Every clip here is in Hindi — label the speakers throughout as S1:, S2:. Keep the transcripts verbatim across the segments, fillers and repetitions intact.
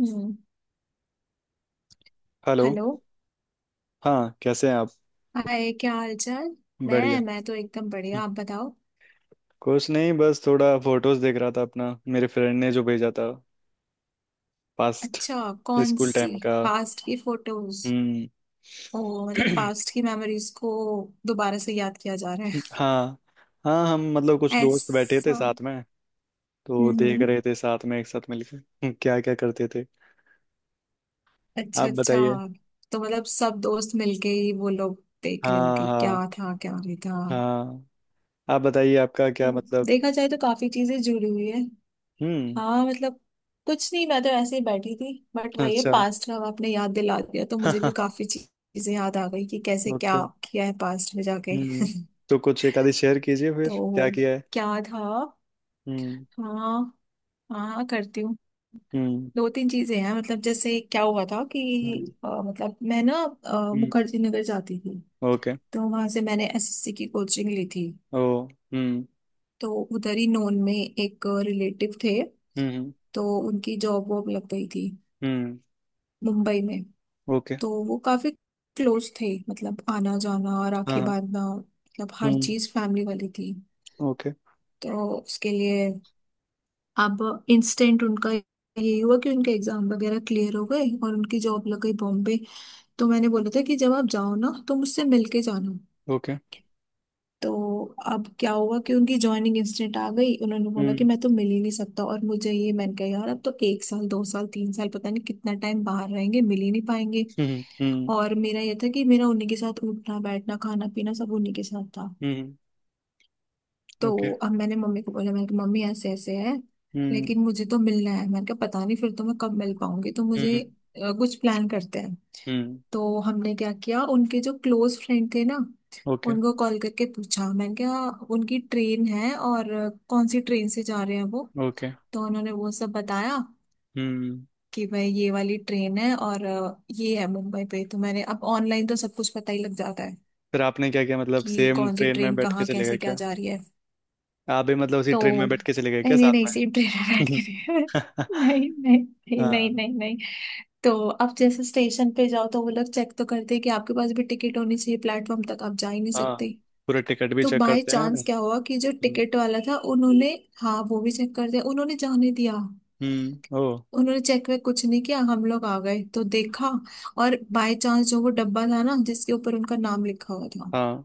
S1: हम्म।
S2: हेलो।
S1: हेलो।
S2: हाँ, कैसे हैं आप?
S1: हाय, क्या हाल चाल?
S2: बढ़िया।
S1: मैं मैं तो एकदम
S2: हम्म,
S1: बढ़िया। आप बताओ।
S2: कुछ नहीं बस थोड़ा फोटोज देख रहा था अपना मेरे फ्रेंड ने जो भेजा था। पास्ट।
S1: अच्छा, कौन
S2: स्कूल
S1: सी?
S2: टाइम का।
S1: पास्ट की फोटोज?
S2: हम्म।
S1: ओ, मतलब पास्ट की मेमोरीज को दोबारा से याद किया जा रहा है।
S2: हाँ। हाँ, हम, मतलब कुछ दोस्त बैठे थे
S1: ऐसा।
S2: साथ में। तो देख
S1: हम्म।
S2: रहे थे साथ में एक साथ मिलकर क्या क्या करते थे।
S1: अच्छा
S2: आप बताइए।
S1: अच्छा। तो मतलब सब दोस्त मिलके ही वो लोग देख रहे
S2: हाँ,
S1: होंगे क्या
S2: हाँ,
S1: था क्या नहीं था।
S2: हाँ। आप बताइए, आपका क्या मतलब?
S1: देखा जाए तो काफी चीजें जुड़ी हुई है।
S2: हम्म।
S1: हाँ मतलब, कुछ नहीं, मैं तो ऐसे ही बैठी थी, बट वही है
S2: अच्छा।
S1: पास्ट का आपने याद दिला दिया तो मुझे भी काफी ची- चीजें याद आ गई कि कैसे
S2: ओके।
S1: क्या किया है पास्ट में जाके।
S2: हम्म। तो कुछ एक आधी शेयर कीजिए फिर क्या
S1: तो
S2: किया है।
S1: क्या था?
S2: हम्म।
S1: हाँ। हाँ करती हूँ।
S2: हम्म।
S1: दो तीन चीजें हैं मतलब, जैसे क्या हुआ था कि
S2: हम्म।
S1: अ, मतलब मैं ना अ,
S2: हम्म,
S1: मुखर्जी नगर जाती थी।
S2: ओके।
S1: तो वहां से मैंने एस एस सी की कोचिंग ली थी।
S2: ओ। हम्म।
S1: तो उधर ही नोन में एक रिलेटिव थे।
S2: हम्म।
S1: तो उनकी जॉब वॉब लग गई थी
S2: हम्म।
S1: मुंबई में।
S2: ओके।
S1: तो वो काफी क्लोज थे, मतलब आना जाना और
S2: हाँ,
S1: राखी
S2: हाँ।
S1: बांधना, मतलब हर
S2: हम्म।
S1: चीज फैमिली वाली थी।
S2: ओके।
S1: तो उसके लिए, अब इंस्टेंट उनका यही हुआ कि उनके एग्जाम वगैरह क्लियर हो गए और उनकी जॉब लग गई बॉम्बे। तो मैंने बोला था कि जब आप जाओ ना तो मुझसे मिल के जाना।
S2: ओके।
S1: तो अब क्या हुआ कि उनकी ज्वाइनिंग इंस्टेंट आ गई, उन्होंने बोला कि
S2: हम्म।
S1: मैं तो मिल ही नहीं सकता, और मुझे ये, मैंने कहा यार अब तो एक साल दो साल तीन साल पता नहीं कितना टाइम बाहर रहेंगे, मिल ही नहीं पाएंगे।
S2: हम्म। हम्म।
S1: और मेरा ये था कि मेरा उन्हीं के साथ उठना बैठना खाना पीना सब उन्हीं के साथ था।
S2: हम्म। ओके।
S1: तो अब मैंने मम्मी को बोला, मैंने कहा मम्मी ऐसे ऐसे है,
S2: हम्म।
S1: लेकिन मुझे तो मिलना है, मैंने कहा पता नहीं फिर तो मैं कब मिल पाऊंगी, तो मुझे
S2: हम्म।
S1: अ, कुछ प्लान करते हैं।
S2: हम्म।
S1: तो हमने क्या किया, उनके जो क्लोज फ्रेंड थे ना,
S2: ओके।
S1: उनको कॉल करके पूछा। मैंने कहा उनकी ट्रेन है, और अ, कौन सी ट्रेन से जा रहे हैं वो।
S2: ओके।
S1: तो उन्होंने वो सब बताया
S2: हम्म।
S1: कि भाई ये वाली ट्रेन है, और अ, ये है मुंबई पे। तो मैंने, अब ऑनलाइन तो सब कुछ पता ही लग जाता है
S2: फिर आपने क्या किया, मतलब
S1: कि
S2: सेम
S1: कौन सी
S2: ट्रेन में
S1: ट्रेन
S2: बैठ के
S1: कहाँ
S2: चले गए
S1: कैसे क्या
S2: क्या?
S1: जा रही है।
S2: आप भी मतलब उसी ट्रेन
S1: तो
S2: में बैठ के चले गए क्या
S1: नहीं नहीं
S2: साथ
S1: नहीं,
S2: में?
S1: सेम ट्रेन में बैठ के नहीं। नहीं नहीं। नहीं नहीं
S2: हाँ,
S1: नहीं नहीं। तो अब जैसे स्टेशन पे जाओ तो वो लोग चेक तो करते हैं कि आपके पास भी टिकट होनी चाहिए, प्लेटफॉर्म तक आप जा ही नहीं
S2: हाँ।
S1: सकते।
S2: पूरा टिकट भी
S1: तो
S2: चेक
S1: बाय
S2: करते हैं?
S1: चांस क्या
S2: हम्म।
S1: हुआ कि जो टिकट वाला था उन्होंने, हाँ, वो भी चेक कर दिया, उन्होंने जाने दिया।
S2: हम्म, ओ।
S1: उन्होंने चेक वेक कुछ नहीं किया, हम लोग आ गए तो देखा। और बाय चांस जो वो डब्बा था ना जिसके ऊपर उनका नाम लिखा हुआ था,
S2: हाँ।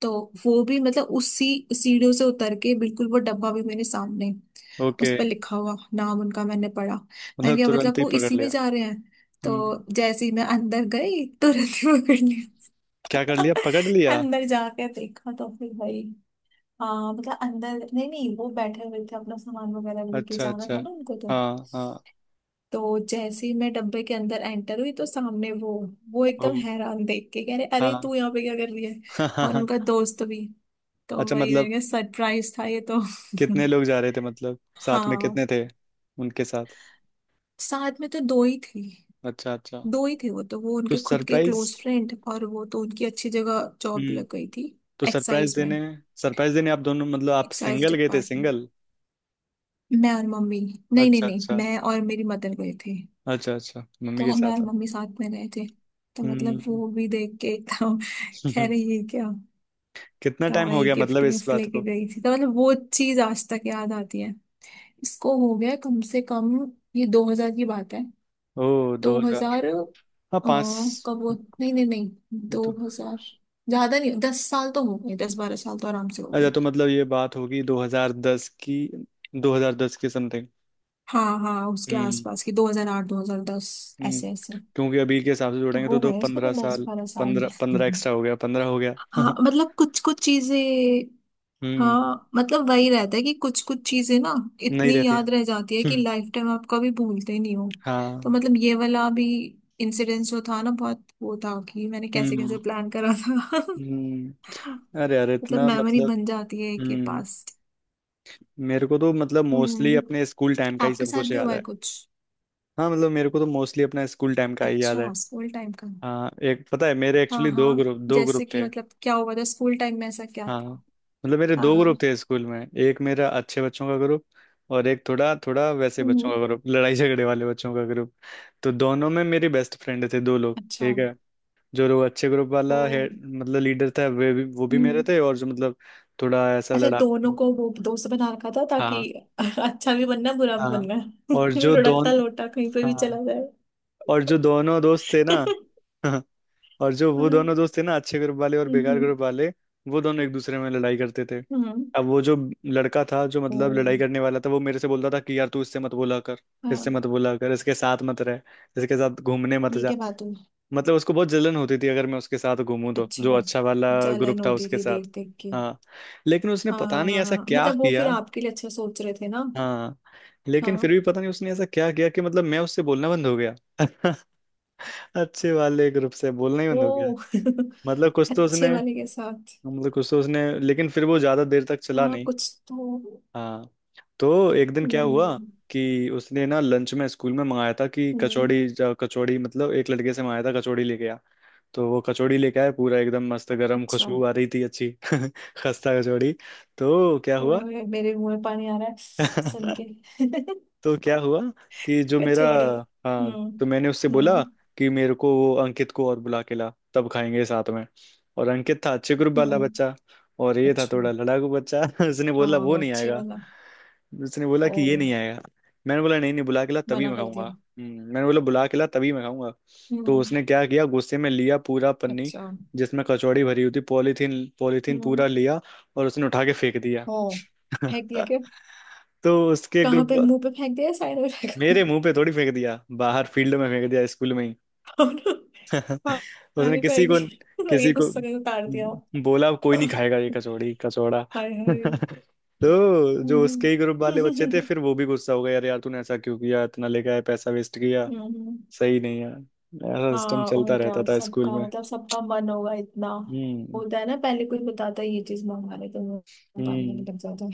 S1: तो वो भी मतलब उसी सीढ़ियों से उतर के बिल्कुल, वो डब्बा भी मेरे सामने,
S2: ओके।
S1: उस पर लिखा हुआ नाम उनका मैंने पढ़ा।
S2: मतलब
S1: मैंने कहा मतलब
S2: तुरंत ही
S1: वो
S2: पकड़
S1: इसी में
S2: लिया?
S1: जा रहे हैं।
S2: हम्म।
S1: तो जैसे ही मैं अंदर गई, तुरंत ही पकड़
S2: क्या कर
S1: लिया।
S2: लिया, पकड़ लिया?
S1: अंदर जाके देखा तो फिर भाई, हाँ मतलब अंदर, नहीं नहीं, वो बैठे हुए थे, अपना सामान वगैरह लेके
S2: अच्छा,
S1: जाना
S2: अच्छा।
S1: था ना उनको तो।
S2: हाँ, हाँ।
S1: तो जैसे ही मैं डब्बे के अंदर एंटर हुई तो सामने वो वो
S2: ओ।
S1: एकदम हैरान, देख के कह रहे
S2: हाँ।
S1: अरे तू यहाँ पे क्या कर रही है?
S2: हाँ, हाँ,
S1: और
S2: हाँ।
S1: उनका दोस्त भी। तो
S2: अच्छा
S1: वही मैंने
S2: मतलब
S1: कहा सरप्राइज था ये तो।
S2: कितने लोग जा रहे थे मतलब? साथ में
S1: हाँ,
S2: कितने थे उनके साथ?
S1: साथ में तो दो ही थी।
S2: अच्छा, अच्छा।
S1: दो ही थे वो, तो वो
S2: तो
S1: उनके खुद के
S2: सरप्राइज।
S1: क्लोज फ्रेंड, और वो तो उनकी अच्छी जगह जॉब
S2: हम्म।
S1: लग गई थी।
S2: तो सरप्राइज
S1: एक्साइज में,
S2: देने। सरप्राइज देने आप दोनों, मतलब आप
S1: एक्साइज
S2: सिंगल गए थे
S1: डिपार्टमेंट।
S2: सिंगल?
S1: मैं और मम्मी, नहीं नहीं
S2: अच्छा,
S1: नहीं,
S2: अच्छा।
S1: मैं और मेरी मदर गए थे।
S2: अच्छा, अच्छा, मम्मी के
S1: तो मैं और
S2: साथ आप।
S1: मम्मी साथ में गए थे। तो मतलब
S2: हम्म।
S1: वो भी देख के एकदम कह रही है क्या।
S2: कितना
S1: तो
S2: टाइम हो
S1: वही
S2: गया मतलब
S1: गिफ्ट
S2: इस
S1: विफ्ट
S2: बात
S1: लेके
S2: को?
S1: गई थी, तो मतलब वो चीज आज तक याद आती है। इसको हो गया कम से कम, ये दो हजार की बात है।
S2: ओ, दो
S1: दो
S2: हजार
S1: हजार
S2: हाँ, पाँच।
S1: कब? वो नहीं नहीं नहीं। दो
S2: दो।
S1: हजार। ज्यादा नहीं, दस साल तो हो गए, दस बारह साल तो आराम से हो
S2: अच्छा
S1: गए।
S2: तो मतलब ये बात होगी दो हजार दस की। दो हजार दस के समथिंग।
S1: हाँ हाँ, उसके
S2: हम्म।
S1: आसपास की, दो हजार आठ दो हजार दस,
S2: हम्म।
S1: ऐसे ऐसे।
S2: क्योंकि अभी के हिसाब से
S1: तो
S2: जोड़ेंगे तो
S1: हो
S2: तो
S1: गए उसको तो
S2: पंद्रह
S1: दस
S2: साल
S1: बारह साल
S2: पंद्रह, पंद्रह एक्स्ट्रा हो गया, पंद्रह हो गया।
S1: हाँ मतलब कुछ कुछ चीजें,
S2: हम्म।
S1: हाँ मतलब वही रहता है कि कुछ कुछ चीजें ना
S2: नहीं
S1: इतनी
S2: रहते हैं।
S1: याद रह जाती है कि
S2: हम्म,
S1: लाइफ टाइम आप कभी भूलते ही नहीं हो। तो
S2: हाँ।
S1: मतलब ये वाला भी इंसिडेंस जो था ना, बहुत वो था कि मैंने कैसे
S2: हम्म।
S1: कैसे प्लान करा था।
S2: हम्म। अरे यार
S1: मतलब
S2: इतना
S1: मेमोरी
S2: मतलब।
S1: बन जाती है के
S2: हम्म।
S1: पास्ट।
S2: मेरे को तो मतलब मोस्टली
S1: हम्म।
S2: अपने स्कूल टाइम का ही
S1: आपके
S2: सब
S1: साथ
S2: कुछ
S1: भी
S2: याद
S1: हुआ है
S2: है।
S1: कुछ?
S2: हाँ मतलब मेरे को तो मोस्टली अपना स्कूल टाइम का ही याद है।
S1: अच्छा, स्कूल टाइम का।
S2: हाँ, एक पता है मेरे,
S1: हाँ
S2: एक्चुअली दो
S1: हाँ,
S2: ग्रुप दो
S1: जैसे
S2: ग्रुप
S1: कि
S2: थे।
S1: मतलब क्या हुआ था स्कूल टाइम में, ऐसा क्या
S2: हाँ
S1: था?
S2: मतलब मेरे
S1: हाँ
S2: दो
S1: हाँ।
S2: ग्रुप थे स्कूल में, एक मेरा अच्छे बच्चों का ग्रुप। और एक थोड़ा थोड़ा वैसे बच्चों
S1: हम्म।
S2: का ग्रुप, लड़ाई झगड़े वाले बच्चों का ग्रुप। तो दोनों में मेरी बेस्ट फ्रेंड थे दो लोग,
S1: अच्छा।
S2: ठीक है। जो लोग अच्छे ग्रुप
S1: ओ।
S2: वाला है, मतलब लीडर था वे भी वो भी मेरे
S1: हम्म।
S2: थे, और जो मतलब थोड़ा ऐसा
S1: अच्छा,
S2: लड़ा।
S1: दोनों को वो दोस्त बना रखा था ताकि
S2: हाँ,
S1: अच्छा भी बनना बुरा भी
S2: हाँ।
S1: बनना।
S2: और जो
S1: लुढ़कता
S2: दोन
S1: लोटा कहीं पे भी
S2: हाँ।
S1: चला जाए।
S2: और जो दोनों दोस्त थे ना। और जो वो
S1: हम्म।
S2: दोनों दोस्त थे ना, अच्छे ग्रुप वाले और बेकार
S1: हम्म।
S2: ग्रुप वाले। वो दोनों एक दूसरे में लड़ाई करते थे।
S1: हम्म।
S2: अब वो जो लड़का था जो
S1: ओ।
S2: मतलब लड़ाई करने वाला था वो मेरे से बोलता था कि यार तू इससे मत बोला कर। इससे
S1: हाँ,
S2: मत बोला कर, इसके साथ मत रह। इसके साथ घूमने मत
S1: ये
S2: जा।
S1: क्या बात हुई?
S2: मतलब उसको बहुत जलन होती थी अगर मैं उसके साथ घूमूं तो, जो
S1: अच्छा,
S2: अच्छा वाला ग्रुप
S1: जलन
S2: था
S1: होती
S2: उसके
S1: थी देख
S2: साथ।
S1: देख के।
S2: हाँ, लेकिन उसने पता नहीं ऐसा
S1: हाँ
S2: क्या
S1: मतलब वो फिर
S2: किया।
S1: आपके लिए अच्छा सोच रहे थे ना।
S2: हाँ, लेकिन
S1: हाँ।
S2: फिर भी पता नहीं उसने ऐसा क्या किया कि मतलब मैं उससे बोलना बंद हो गया। अच्छे वाले ग्रुप से बोलना ही बंद हो गया।
S1: ओ।
S2: मतलब कुछ तो
S1: अच्छे
S2: उसने
S1: वाले के साथ।
S2: मतलब कुछ तो उसने, लेकिन फिर वो ज्यादा देर तक चला
S1: हाँ
S2: नहीं।
S1: कुछ तो।
S2: हाँ। तो एक दिन क्या हुआ
S1: हम्म।
S2: कि उसने ना लंच में स्कूल में मंगाया था कि
S1: हम्म।
S2: कचौड़ी ज- कचौड़ी, मतलब एक लड़के से मंगाया था कचौड़ी लेके आ। तो वो कचौड़ी लेके आया पूरा एकदम मस्त गरम,
S1: अच्छा।
S2: खुशबू आ रही थी अच्छी। खस्ता कचौड़ी। तो क्या
S1: ओए
S2: हुआ?
S1: ओए, मेरे मुंह में पानी आ रहा है सुन के।
S2: तो क्या हुआ? कि जो मेरा।
S1: कचौड़ी।
S2: हाँ
S1: हम्म।
S2: तो मैंने उससे बोला
S1: हम्म।
S2: कि मेरे को वो अंकित को और बुला के ला तब खाएंगे साथ में। और अंकित था अच्छे ग्रुप वाला
S1: हम्म।
S2: बच्चा। और ये था
S1: अच्छा,
S2: थोड़ा लड़ाकू बच्चा। उसने बोला
S1: हाँ
S2: वो
S1: वो
S2: नहीं
S1: अच्छे
S2: आएगा।
S1: वाला।
S2: उसने बोला कि ये
S1: ओ,
S2: नहीं आएगा। मैंने बोला नहीं नहीं, बुला के ला तभी
S1: मना
S2: मैं
S1: कर
S2: खाऊंगा।
S1: दिया।
S2: हम्म, मैंने बोला बुला के ला तभी मैं खाऊंगा। तो
S1: हम्म।
S2: उसने क्या किया, गुस्से में लिया पूरा पन्नी
S1: अच्छा।
S2: जिसमें कचौड़ी भरी हुई थी, पॉलीथीन पॉलीथीन
S1: हम्म।
S2: पूरा लिया। और उसने उठा के फेंक दिया।
S1: ओ, फेंक दिया क्या?
S2: तो उसके
S1: कहाँ
S2: ग्रुप।
S1: पे, मुंह पे फेंक दिया या साइड में फेंका?
S2: मेरे मुंह पे थोड़ी फेंक दिया, बाहर फील्ड में फेंक दिया स्कूल में ही।
S1: और
S2: उसने
S1: पानी
S2: किसी
S1: फेंक
S2: को
S1: दिया, लगे
S2: किसी को
S1: गुस्सा कर उतार दिया।
S2: बोला कोई नहीं खाएगा ये
S1: हाय।
S2: कचौड़ी कचौड़ा।
S1: हाय।
S2: तो जो
S1: हम्म।
S2: उसके ही ग्रुप वाले बच्चे थे फिर वो भी गुस्सा हो गया, यार यार तूने ऐसा क्यों किया इतना लेके आया पैसा वेस्ट किया।
S1: हम्म।
S2: सही नहीं है। ऐसा सिस्टम
S1: हाँ और
S2: चलता रहता
S1: क्या,
S2: था स्कूल
S1: सबका
S2: में।
S1: मतलब सबका मन होगा इतना।
S2: हम्म।
S1: होता है ना, पहले कोई बताता है ये चीज मंगा ले तो मुंह पानी आने
S2: हम्म।
S1: लग जाता है।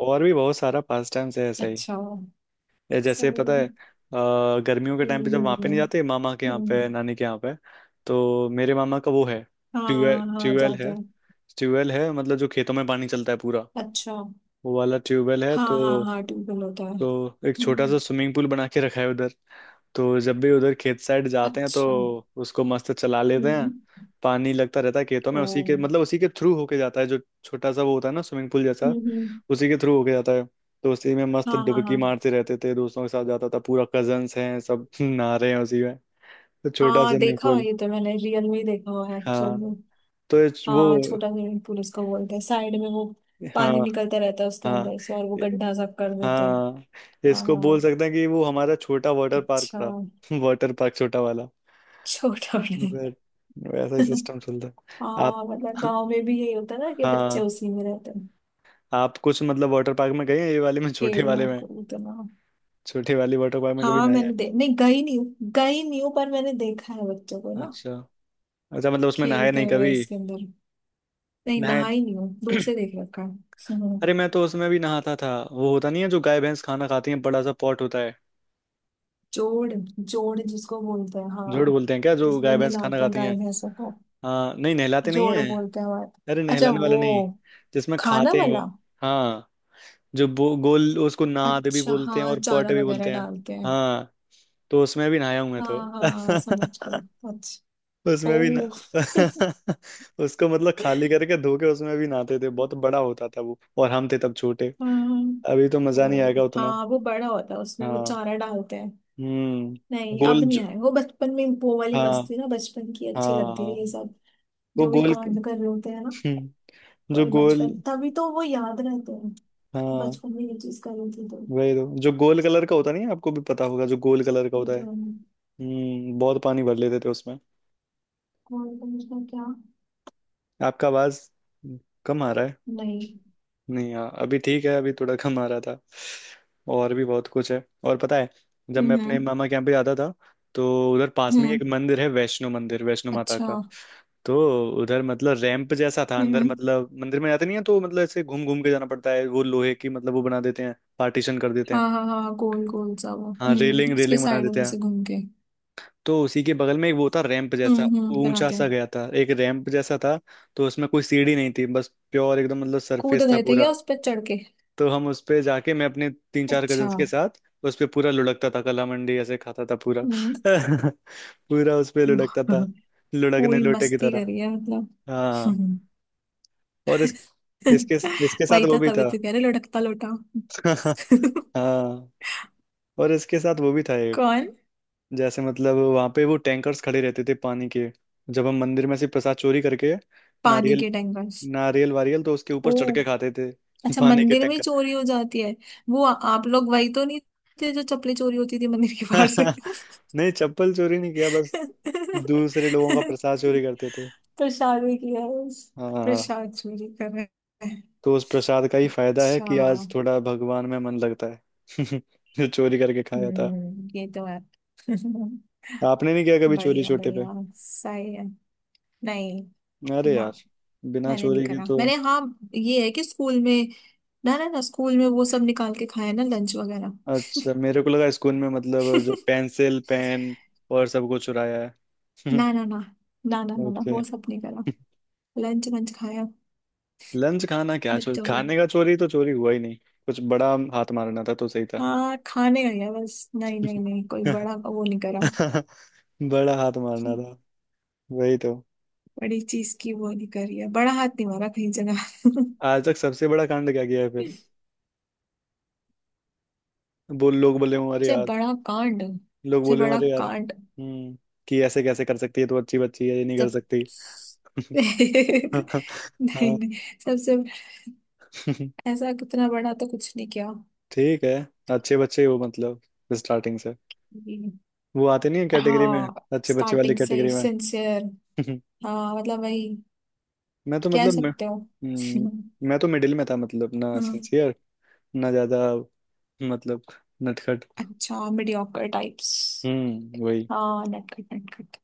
S2: और भी बहुत सारा पास टाइम्स है ऐसे।
S1: अच्छा।
S2: या जैसे पता
S1: सही
S2: है
S1: है।
S2: अ, गर्मियों के टाइम पे जब
S1: हम्म।
S2: वहां पे नहीं
S1: हम्म।
S2: जाते मामा के यहाँ
S1: हम्म।
S2: पे, नानी के यहाँ पे। तो मेरे मामा का वो है ट्यूबवेल।
S1: हाँ हाँ,
S2: ट्यूबवेल
S1: जाते
S2: है।
S1: हैं।
S2: ट्यूबवेल है मतलब जो खेतों में पानी चलता है पूरा।
S1: अच्छा।
S2: वो वाला ट्यूबवेल है।
S1: हाँ
S2: तो
S1: हाँ हाँ, ट्यूबवेल होता है।
S2: तो एक छोटा सा
S1: हम्म।
S2: स्विमिंग पूल बना के रखा है उधर। तो जब भी उधर खेत साइड जाते हैं तो
S1: अच्छा।
S2: उसको मस्त चला लेते हैं।
S1: हम्म।
S2: पानी लगता रहता है खेतों में
S1: ओ।
S2: उसी के, मतलब उसी के थ्रू होके जाता है जो छोटा सा वो होता है ना स्विमिंग पूल जैसा।
S1: हम्म। हम्म।
S2: उसी के थ्रू होके जाता है। तो उसी में मस्त
S1: हाँ हाँ
S2: डुबकी
S1: हाँ।
S2: मारते रहते थे, दोस्तों के साथ जाता था पूरा, कजन्स हैं सब नहा रहे हैं उसी में। तो छोटा
S1: हाँ
S2: स्विमिंग
S1: देखा हुआ,
S2: पूल।
S1: ये तो मैंने रियल में ही देखा हुआ है, एक्चुअल
S2: हाँ।
S1: में।
S2: तो इस-
S1: हाँ,
S2: वो।
S1: छोटा स्विमिंग पूल उसको बोलते हैं, साइड में वो
S2: हाँ,
S1: पानी निकलता रहता है उसके
S2: हाँ,
S1: अंदर से, और वो गड्ढा सब कर देते हैं।
S2: हाँ।
S1: हाँ
S2: इसको
S1: हाँ।
S2: बोल सकते हैं कि वो हमारा छोटा वाटर पार्क
S1: अच्छा,
S2: था। वाटर पार्क, छोटा वाला।
S1: छोटा बड़ा।
S2: बट वैसा ही सिस्टम चलता है आप।
S1: हाँ मतलब गांव में भी यही होता है ना, कि बच्चे
S2: हाँ।
S1: उसी में रहते हैं,
S2: आप कुछ मतलब वाटर पार्क में गए हैं ये वाले में? छोटे वाले
S1: खेलना
S2: में?
S1: कूदना।
S2: छोटे वाले वाटर पार्क में कभी
S1: हाँ,
S2: नहाए हैं?
S1: मैंने दे नहीं, गई नहीं हूँ। गई नहीं हूँ पर मैंने देखा है बच्चों को ना,
S2: अच्छा। अच्छा मतलब उसमें नहाए
S1: खेलते
S2: नहीं
S1: हुए
S2: कभी?
S1: इसके अंदर। नहीं,
S2: नहाए
S1: नहाई नहीं हूँ,
S2: नहीं।
S1: दूर से देख रखा है। हम्म।
S2: अरे मैं तो उसमें भी नहाता था, वो होता नहीं है जो गाय भैंस खाना खाती है बड़ा सा पॉट होता है।
S1: जोड़ जोड़ जिसको बोलते हैं,
S2: जोड़
S1: हाँ,
S2: बोलते हैं क्या जो
S1: जिसमें
S2: गाय भैंस खाना
S1: नहलाते हैं
S2: खाती है?
S1: गाय भैंसों को,
S2: हाँ नहीं, नहलाते नहीं
S1: जोड़
S2: है।
S1: बोलते हैं हमारे।
S2: अरे
S1: अच्छा,
S2: नहलाने वाला
S1: वो
S2: नहीं। जिसमें
S1: खाना
S2: खाते हैं वो।
S1: वाला।
S2: हाँ। जो बो, गोल, उसको नाद भी
S1: अच्छा,
S2: बोलते हैं
S1: हाँ,
S2: और
S1: चारा
S2: पॉट भी
S1: वगैरह
S2: बोलते हैं।
S1: डालते हैं।
S2: हाँ। तो उसमें भी नहाया हूं मैं
S1: हाँ
S2: तो।
S1: हाँ हाँ, समझ गई। अच्छा।
S2: उसमें भी ना।
S1: ओ।
S2: उसको मतलब खाली करके धो के उसमें भी नहाते थे, बहुत बड़ा होता था वो और हम थे तब छोटे।
S1: हाँ।
S2: अभी तो मजा नहीं
S1: ओ,
S2: आएगा उतना।
S1: हाँ वो बड़ा होता है, उसमें वो
S2: हाँ।
S1: चारा डालते हैं।
S2: हम्म
S1: नहीं, अब
S2: गोल ज...
S1: नहीं आए, वो बचपन में वो वाली
S2: हाँ,
S1: मस्ती ना, बचपन की
S2: हाँ,
S1: अच्छी लगती
S2: हाँ।
S1: है ये सब।
S2: वो
S1: जो भी
S2: गोल।
S1: कांड कर रहे होते हैं ना,
S2: हम्म,
S1: तो
S2: जो
S1: ये
S2: गोल।
S1: बचपन तभी तो वो याद रहते हैं,
S2: हाँ
S1: बचपन में ये चीज करी थी तो।
S2: वही तो, जो गोल कलर का होता नहीं है, आपको भी पता होगा जो गोल कलर का
S1: ये
S2: होता है।
S1: तो है नहीं।
S2: हम्म बहुत पानी भर लेते थे उसमें।
S1: कौन कंडीशनर क्या?
S2: आपका आवाज कम आ रहा है।
S1: नहीं।
S2: नहीं, हाँ अभी ठीक है, अभी थोड़ा कम आ रहा था। और भी बहुत कुछ है। और पता है, जब मैं अपने
S1: हम्म।
S2: मामा के यहाँ पे जाता था तो उधर पास में ही
S1: हम्म।
S2: एक मंदिर है, वैष्णो मंदिर, वैष्णो माता
S1: अच्छा।
S2: का। तो उधर मतलब रैंप जैसा था अंदर,
S1: हम्म।
S2: मतलब मंदिर में जाते नहीं है तो मतलब ऐसे घूम घूम के जाना पड़ता है, वो लोहे की मतलब वो बना देते हैं पार्टीशन कर देते हैं।
S1: हाँ हाँ हाँ, गोल गोल सा वो,
S2: हाँ
S1: हम्म,
S2: रेलिंग,
S1: उसके
S2: रेलिंग बना
S1: साइडों
S2: देते
S1: में
S2: हैं।
S1: से घूम के।
S2: तो उसी के बगल में एक वो था रैंप
S1: हम्म।
S2: जैसा,
S1: हम्म
S2: ऊंचा
S1: बनाते हैं।
S2: सा गया था एक रैंप जैसा था। तो उसमें कोई सीढ़ी नहीं थी, बस प्योर एकदम मतलब
S1: कूद
S2: सरफेस था
S1: गए थे
S2: पूरा।
S1: क्या उस पर चढ़ के?
S2: तो हम उस पे जाके मैं अपने तीन चार
S1: अच्छा।
S2: कजन्स के साथ उस पे पूरा लुढ़कता था, कला मंडी ऐसे खाता था पूरा।
S1: हम्म।
S2: पूरा उस पे लुढ़कता था। लुढ़कने
S1: पूरी
S2: लोटे की
S1: मस्ती
S2: तरह।
S1: करी है मतलब।
S2: हाँ
S1: हम्म।
S2: और इस इसके इसके साथ
S1: वही
S2: वो
S1: था,
S2: भी
S1: तभी
S2: था।
S1: तो कह रहे लुढ़कता लोटा।
S2: हाँ और इसके साथ वो भी था एक।
S1: कौन?
S2: जैसे मतलब वहां पे वो टैंकर्स खड़े रहते थे पानी के। जब हम मंदिर में से प्रसाद चोरी करके
S1: पानी
S2: नारियल।
S1: के टैंकर्स?
S2: नारियल वारियल तो उसके ऊपर
S1: ओ।
S2: चढ़ के खाते थे।
S1: अच्छा,
S2: पानी के
S1: मंदिर में ही
S2: टैंकर।
S1: चोरी हो जाती है। वो आ- आप लोग वही तो नहीं थे जो चप्पलें चोरी होती थी मंदिर के बाहर से?
S2: नहीं, चप्पल चोरी नहीं किया, बस दूसरे लोगों का प्रसाद चोरी करते थे।
S1: प्रसाद भी किया है।
S2: हाँ।
S1: प्रसाद चोरी कर रहे हैं।
S2: तो उस प्रसाद का ही फायदा है
S1: अच्छा।
S2: कि आज थोड़ा भगवान में मन लगता है, जो चोरी करके खाया था।
S1: हम्म, ये तो है।
S2: आपने नहीं किया कभी चोरी
S1: बढ़िया
S2: छोटे पे?
S1: बढ़िया, सही है। नहीं।
S2: अरे
S1: ना।
S2: यार बिना
S1: मैंने नहीं
S2: चोरी के
S1: करा।
S2: तो।
S1: मैंने, हाँ, ये है कि स्कूल में, ना ना ना, स्कूल में वो सब निकाल के खाया ना लंच वगैरह।
S2: अच्छा, मेरे को लगा स्कूल में मतलब जो पेंसिल पेन और सब कुछ चुराया है।
S1: ना ना ना। ना ना ना ना,
S2: ओके।
S1: वो सब नहीं करा। लंच वंच खाया
S2: लंच खाना क्या चोरी?
S1: बच्चों के।
S2: खाने का चोरी तो चोरी हुआ ही नहीं। कुछ बड़ा हाथ मारना था तो सही था।
S1: हाँ खाने गई है बस, नहीं नहीं नहीं कोई बड़ा वो नहीं करा।
S2: बड़ा हाथ मारना था, वही तो।
S1: बड़ी चीज की वो नहीं करी है, बड़ा हाथ नहीं मारा कहीं जगह।
S2: आज तक सबसे बड़ा कांड क्या किया है फिर?
S1: सबसे।
S2: बोल लोग बोले हूँ अरे यार।
S1: बड़ा कांड,
S2: लोग
S1: सबसे
S2: बोले हूँ
S1: बड़ा
S2: अरे यार।
S1: कांड?
S2: हम्म कि ऐसे कैसे कर सकती है तो अच्छी बच्ची है ये नहीं कर
S1: जब,
S2: सकती। हाँ।
S1: नहीं। नहीं, सबसे ऐसा कितना बड़ा तो कुछ नहीं किया।
S2: ठीक है, अच्छे बच्चे हो मतलब स्टार्टिंग से।
S1: हम्म।
S2: वो आते नहीं है कैटेगरी में,
S1: हाँ,
S2: अच्छे बच्चे वाली
S1: स्टार्टिंग से ही
S2: कैटेगरी में।
S1: सिंसियर। हाँ मतलब वही
S2: मैं तो
S1: कह
S2: मतलब मैं,
S1: सकते हो।
S2: हम्म, मैं तो मिडिल में था मतलब, ना
S1: हम्म।
S2: सिंसियर ना ज्यादा, मतलब नटखट।
S1: अच्छा, मीडियोकर टाइप्स।
S2: हम्म वही।
S1: हाँ, नटखट नटखट।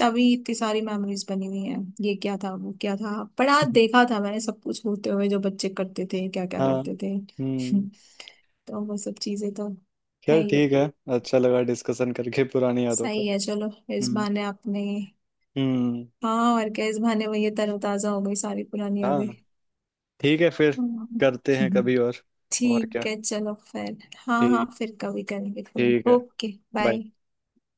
S1: तभी इतनी सारी मेमोरीज बनी हुई हैं। ये क्या था वो क्या था, पर आज देखा था मैंने सब कुछ होते हुए, जो बच्चे करते थे क्या क्या
S2: हाँ।
S1: करते थे।
S2: हम्म।
S1: तो वो सब चीजें तो है
S2: खैर
S1: ही।
S2: ठीक है। अच्छा लगा डिस्कशन करके पुरानी यादों का।
S1: सही है, चलो, इस
S2: हम्म।
S1: बहाने आपने,
S2: हम्म।
S1: हाँ और क्या, इस बहाने वो ये तरोताजा हो गई सारी पुरानी यादें।
S2: हाँ। ठीक है फिर।
S1: हाँ।
S2: करते हैं कभी और। और
S1: ठीक
S2: क्या।
S1: है, चलो फिर। हाँ हाँ,
S2: ठीक।
S1: फिर कभी करेंगे फोन।
S2: ठीक है।
S1: ओके।
S2: बाय।
S1: बाय।